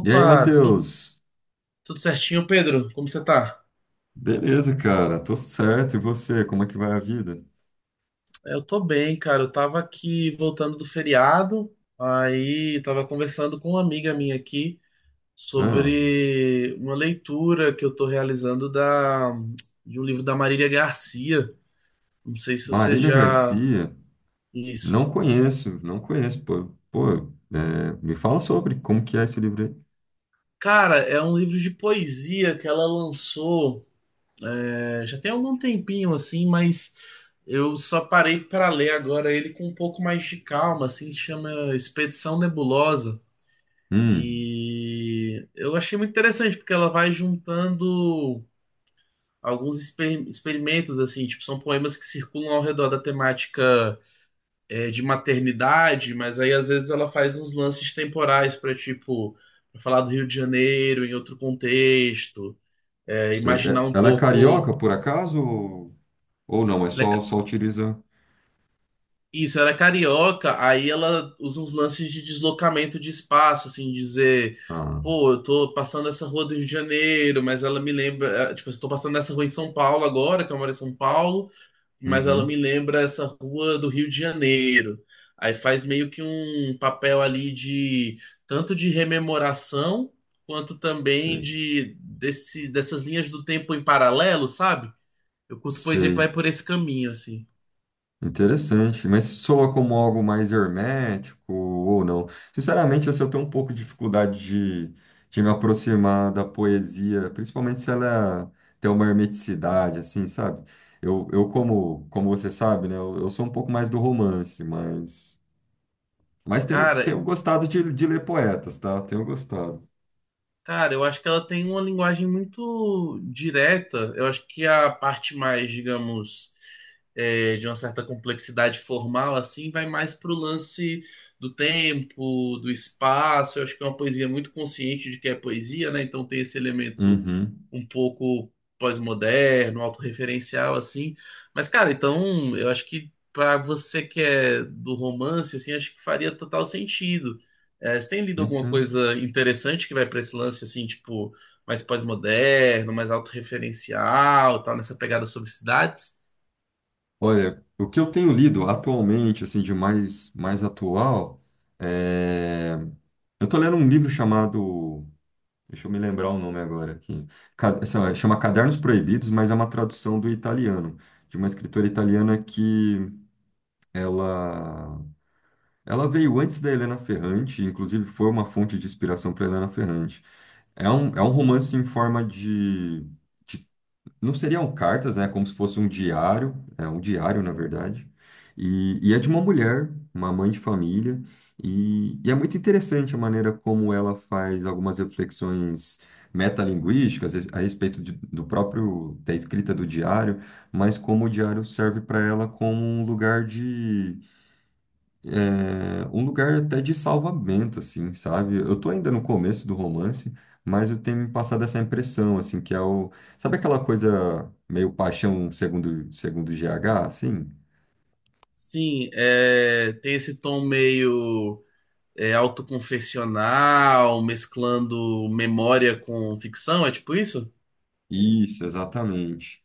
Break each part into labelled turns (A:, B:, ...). A: E aí,
B: tudo,
A: Matheus?
B: tudo certinho, Pedro? Como você tá?
A: Beleza, cara, tô certo. E você, como é que vai a vida?
B: Eu tô bem, cara. Eu tava aqui voltando do feriado, aí tava conversando com uma amiga minha aqui
A: Ah,
B: sobre uma leitura que eu tô realizando da, de um livro da Marília Garcia. Não sei se você
A: Marília
B: já.
A: Garcia,
B: Isso.
A: não conheço, não conheço, pô. Pô, é, me fala sobre como que é esse livro aí.
B: Cara, é um livro de poesia que ela lançou. Já tem algum tempinho assim, mas eu só parei para ler agora ele com um pouco mais de calma, assim, chama Expedição Nebulosa.
A: Hum,
B: E eu achei muito interessante porque ela vai juntando experimentos assim, tipo, são poemas que circulam ao redor da temática de maternidade, mas aí às vezes ela faz uns lances temporais para pra falar do Rio de Janeiro em outro contexto, imaginar um
A: ela é
B: pouco.
A: carioca, por acaso? Ou não, é só, só utiliza...
B: Isso, ela é carioca, aí ela usa uns lances de deslocamento de espaço, assim, dizer,
A: Ah,
B: pô, eu tô passando essa rua do Rio de Janeiro, mas ela me lembra, tipo, eu tô passando essa rua em São Paulo agora, que eu moro em São Paulo, mas ela
A: uhum,
B: me lembra essa rua do Rio de Janeiro. Aí faz meio que um papel ali de tanto de rememoração, quanto também
A: sei,
B: dessas linhas do tempo em paralelo, sabe? Eu curto poesia que
A: sei.
B: vai por esse caminho, assim.
A: Interessante, mas soa como algo mais hermético ou não? Sinceramente, assim, eu tenho um pouco de dificuldade de me aproximar da poesia, principalmente se ela tem uma hermeticidade, assim, sabe? Eu como, como você sabe, né, eu sou um pouco mais do romance, mas tenho,
B: Cara,
A: tenho gostado de ler poetas, tá? Tenho gostado.
B: Cara, eu acho que ela tem uma linguagem muito direta. Eu acho que a parte mais, digamos, de uma certa complexidade formal, assim, vai mais pro lance do tempo, do espaço. Eu acho que é uma poesia muito consciente de que é poesia, né? Então tem esse elemento
A: Uhum,
B: um pouco pós-moderno, autorreferencial, assim. Mas, cara, então eu acho que pra você que é do romance, assim, acho que faria total sentido. É, você tem lido alguma
A: entendo.
B: coisa interessante que vai pra esse lance, assim, tipo, mais pós-moderno, mais autorreferencial, tal, nessa pegada sobre cidades?
A: Olha, o que eu tenho lido atualmente, assim, de mais, mais atual, é. Eu tô lendo um livro chamado, deixa eu me lembrar o nome agora aqui, chama Cadernos Proibidos, mas é uma tradução do italiano, de uma escritora italiana que ela ela veio antes da Helena Ferrante, inclusive foi uma fonte de inspiração para Helena Ferrante. É um romance em forma de não seriam cartas, né? Como se fosse um diário, é um diário, na verdade. E é de uma mulher, uma mãe de família, e é muito interessante a maneira como ela faz algumas reflexões metalinguísticas a respeito do próprio, da escrita do diário, mas como o diário serve para ela como um lugar até de salvamento, assim, sabe? Eu tô ainda no começo do romance, mas eu tenho me passado essa impressão, assim, que é o... Sabe aquela coisa meio paixão segundo G H assim?
B: Sim, é, tem esse tom meio autoconfessional, mesclando memória com ficção, é tipo isso?
A: Isso, exatamente.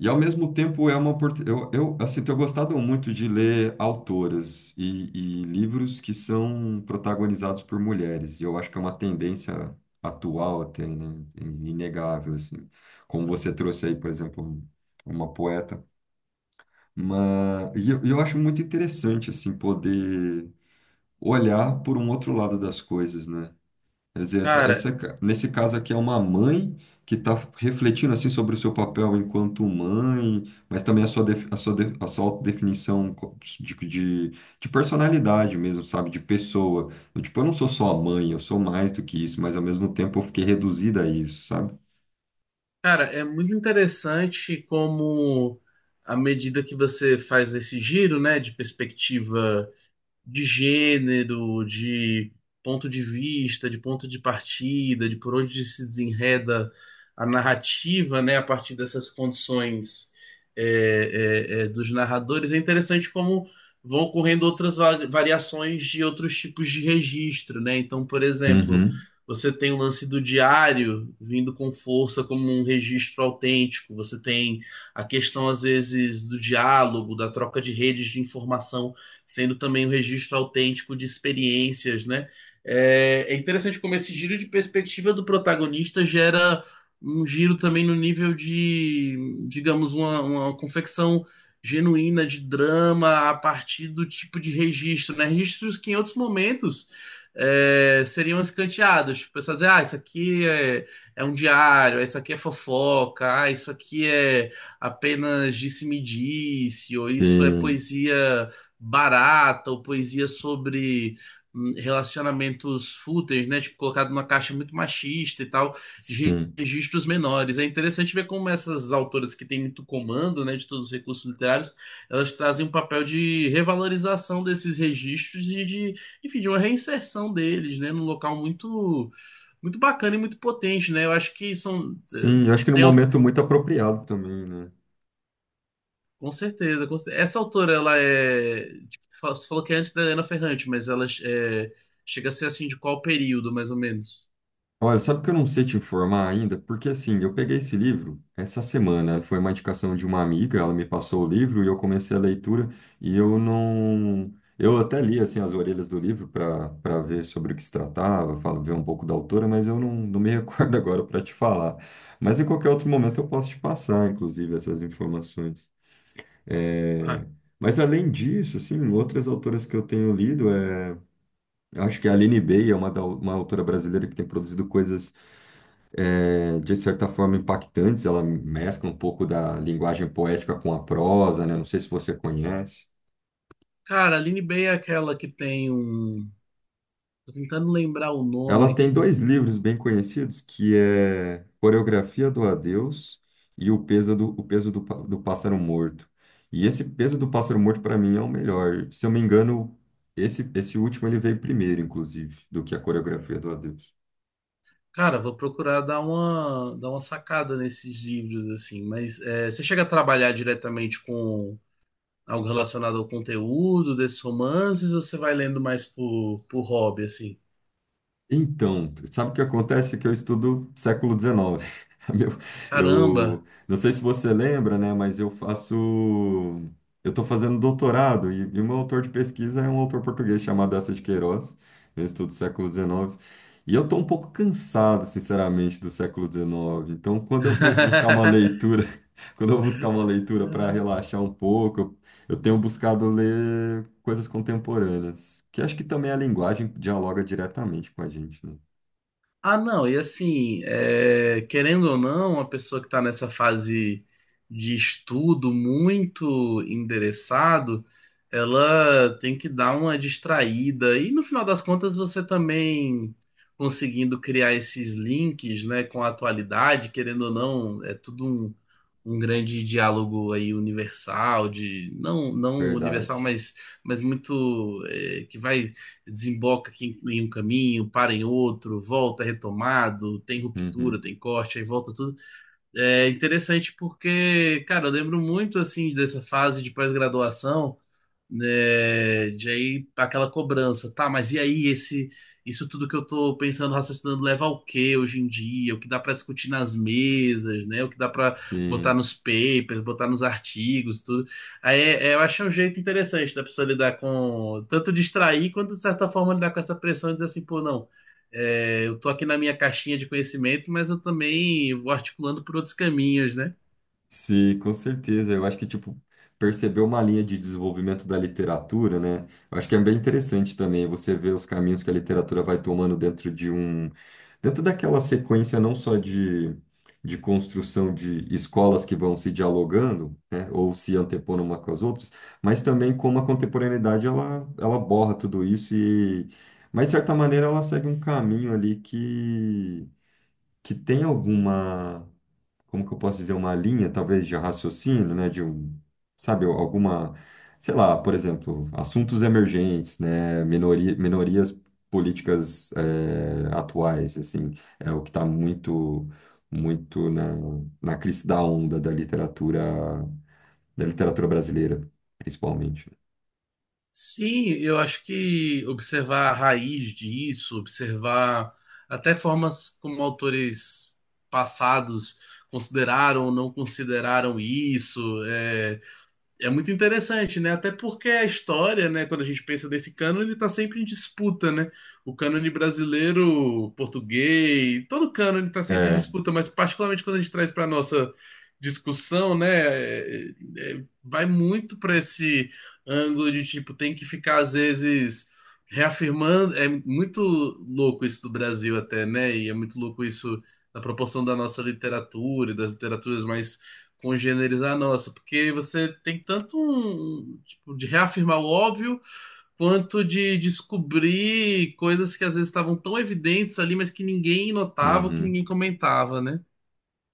A: E ao mesmo tempo é uma oportunidade... eu, assim, tenho gostado muito de ler autoras e livros que são protagonizados por mulheres. E eu acho que é uma tendência atual até, né? Inegável, assim. Como você trouxe aí, por exemplo, uma poeta. Mas e eu acho muito interessante assim poder olhar por um outro lado das coisas, né? Quer dizer,
B: Cara,
A: nesse caso aqui é uma mãe que está refletindo assim sobre o seu papel enquanto mãe, mas também a sua, a sua, a sua autodefinição de personalidade mesmo, sabe? De pessoa. Eu, tipo, eu não sou só a mãe, eu sou mais do que isso, mas ao mesmo tempo eu fiquei reduzida a isso, sabe?
B: Cara, é muito interessante como, à medida que você faz esse giro, né, de perspectiva de gênero, de ponto de vista, de ponto de partida, de por onde se desenreda a narrativa, né, a partir dessas condições dos narradores, é interessante como vão ocorrendo variações de outros tipos de registro, né? Então, por exemplo,
A: Uhum.
B: você tem o lance do diário vindo com força como um registro autêntico, você tem a questão, às vezes, do diálogo, da troca de redes de informação sendo também um registro autêntico de experiências, né? É interessante como esse giro de perspectiva do protagonista gera um giro também no nível de, digamos, uma confecção genuína de drama a partir do tipo de registro, né? Registros que em outros momentos seriam escanteados. Tipo, o pessoal dizer, ah, é um diário, ah, isso aqui é fofoca, ah, isso aqui é apenas disse-me-disse, ou isso é
A: Sim,
B: poesia barata ou poesia sobre relacionamentos fúteis, né? Tipo, colocado numa caixa muito machista e tal, de
A: sim.
B: registros menores. É interessante ver como essas autoras que têm muito comando, né, de todos os recursos literários, elas trazem um papel de revalorização desses registros e de, enfim, de uma reinserção deles, né, num local muito bacana e muito potente, né? Eu acho que são eh,
A: Sim, eu acho que no
B: tem
A: momento muito apropriado também, né?
B: com certeza, essa autora, ela é. Tipo, fa- você falou que é antes da Helena Ferrante, mas ela é, chega a ser assim de qual período, mais ou menos?
A: Olha, sabe que eu não sei te informar ainda? Porque assim, eu peguei esse livro essa semana, né? Foi uma indicação de uma amiga, ela me passou o livro e eu comecei a leitura e eu não. Eu até li assim as orelhas do livro para ver sobre o que se tratava, falo, ver um pouco da autora, mas eu não, não me recordo agora para te falar. Mas em qualquer outro momento eu posso te passar, inclusive, essas informações.
B: Ah,
A: É, mas além disso, assim, outras autoras que eu tenho lido é eu acho que a Aline Bey é uma, uma autora brasileira que tem produzido coisas, eh, de certa forma, impactantes. Ela mescla um pouco da linguagem poética com a prosa, né? Não sei se você conhece.
B: cara, a Aline Bay é aquela que tem um. Tô tentando lembrar o nome
A: Ela
B: aqui
A: tem
B: do
A: dois livros
B: livro.
A: bem conhecidos, que é Coreografia do Adeus e o Peso do, Pá- do Pássaro Morto. E esse Peso do Pássaro Morto, para mim, é o melhor. Se eu me engano, esse último ele veio primeiro, inclusive, do que a Coreografia do Adeus.
B: Cara, vou procurar dar uma sacada nesses livros, assim. Mas é, você chega a trabalhar diretamente com algo relacionado ao conteúdo desses romances ou você vai lendo mais por hobby, assim?
A: Então, sabe o que acontece? Que eu estudo século XIX. Meu, eu
B: Caramba!
A: não sei se você lembra, né? Mas eu faço. Eu estou fazendo doutorado e o meu autor de pesquisa é um autor português chamado Eça de Queiroz. Eu estudo século XIX. E eu estou um pouco cansado, sinceramente, do século XIX. Então, quando eu vou buscar uma leitura, quando eu vou buscar uma leitura para relaxar um pouco, eu tenho buscado ler coisas contemporâneas, que acho que também a linguagem dialoga diretamente com a gente, né?
B: Ah, não, e assim, é, querendo ou não, a pessoa que está nessa fase de estudo muito endereçado, ela tem que dar uma distraída. E no final das contas, você também conseguindo criar esses links, né, com a atualidade, querendo ou não, é tudo um, um grande diálogo aí universal, de não, não universal,
A: Verdade.
B: mas muito, é, que vai desemboca aqui em um caminho, para em outro, volta retomado, tem ruptura,
A: Uhum.
B: tem corte, aí volta tudo. É interessante porque, cara, eu lembro muito assim dessa fase de pós-graduação, né, de aí aquela cobrança, tá, mas e aí esse isso tudo que eu tô pensando, raciocinando, leva ao quê hoje em dia? O que dá pra discutir nas mesas, né? O que dá pra botar
A: Sim.
B: nos papers, botar nos artigos, tudo. Eu acho um jeito interessante da pessoa lidar com tanto distrair quanto de certa forma lidar com essa pressão e dizer assim, pô, não, é, eu tô aqui na minha caixinha de conhecimento, mas eu também vou articulando por outros caminhos, né?
A: Sim, com certeza. Eu acho que, tipo, perceber uma linha de desenvolvimento da literatura, né? Eu acho que é bem interessante também você ver os caminhos que a literatura vai tomando dentro de um... Dentro daquela sequência não só de construção de escolas que vão se dialogando, né? Ou se antepondo uma com as outras, mas também como a contemporaneidade, ela borra tudo isso e... Mas, de certa maneira, ela segue um caminho ali que tem alguma como que eu posso dizer, uma linha, talvez, de raciocínio, né? De um, sabe, alguma, sei lá, por exemplo, assuntos emergentes, né? Minorias políticas eh, atuais, assim, é o que está muito na crista da onda da literatura brasileira, principalmente.
B: Sim, eu acho que observar a raiz disso, observar até formas como autores passados consideraram ou não consideraram isso, é muito interessante, né? Até porque a história, né, quando a gente pensa desse cânone, está sempre em disputa, né? O cânone brasileiro, português, todo cânone está sempre em
A: É.
B: disputa, mas particularmente quando a gente traz para nossa discussão, né, vai muito para esse ângulo de tipo, tem que ficar às vezes reafirmando. É muito louco isso do Brasil até, né? E é muito louco isso na proporção da nossa literatura e das literaturas mais congenerizar a nossa, porque você tem tanto um, tipo, de reafirmar o óbvio, quanto de descobrir coisas que às vezes estavam tão evidentes ali, mas que ninguém notava, que
A: Uhum.
B: ninguém comentava, né?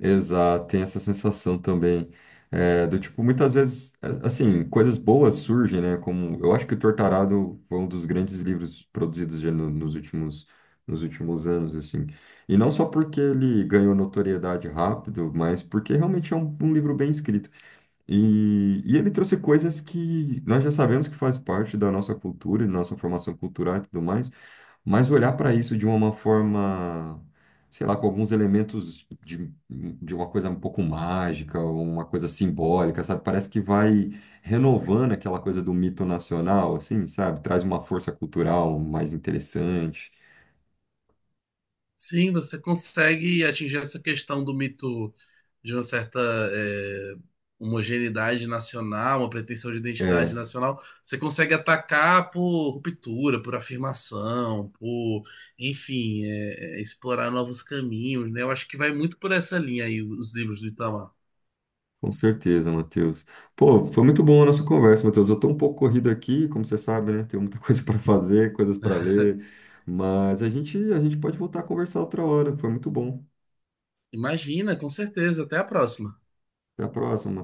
A: Exato, tem essa sensação também. É, do tipo, muitas vezes, assim, coisas boas surgem, né? Como eu acho que o Tortarado foi um dos grandes livros produzidos já nos últimos anos, assim. E não só porque ele ganhou notoriedade rápido, mas porque realmente é um livro bem escrito. E ele trouxe coisas que nós já sabemos que faz parte da nossa cultura, e da nossa formação cultural e tudo mais. Mas olhar para isso de uma forma, sei lá, com alguns elementos de uma coisa um pouco mágica, uma coisa simbólica, sabe? Parece que vai renovando aquela coisa do mito nacional, assim, sabe? Traz uma força cultural mais interessante.
B: Sim, você consegue atingir essa questão do mito de uma certa eh, homogeneidade nacional, uma pretensão de identidade
A: É,
B: nacional. Você consegue atacar por ruptura, por afirmação, por, enfim, explorar novos caminhos, né? Eu acho que vai muito por essa linha aí os livros do Itamar.
A: com certeza, Matheus. Pô, foi muito bom a nossa conversa, Matheus. Eu tô um pouco corrido aqui, como você sabe, né? Tenho muita coisa para fazer, coisas para ler, mas a gente pode voltar a conversar outra hora. Foi muito bom.
B: Imagina, com certeza. Até a próxima.
A: Até a próxima,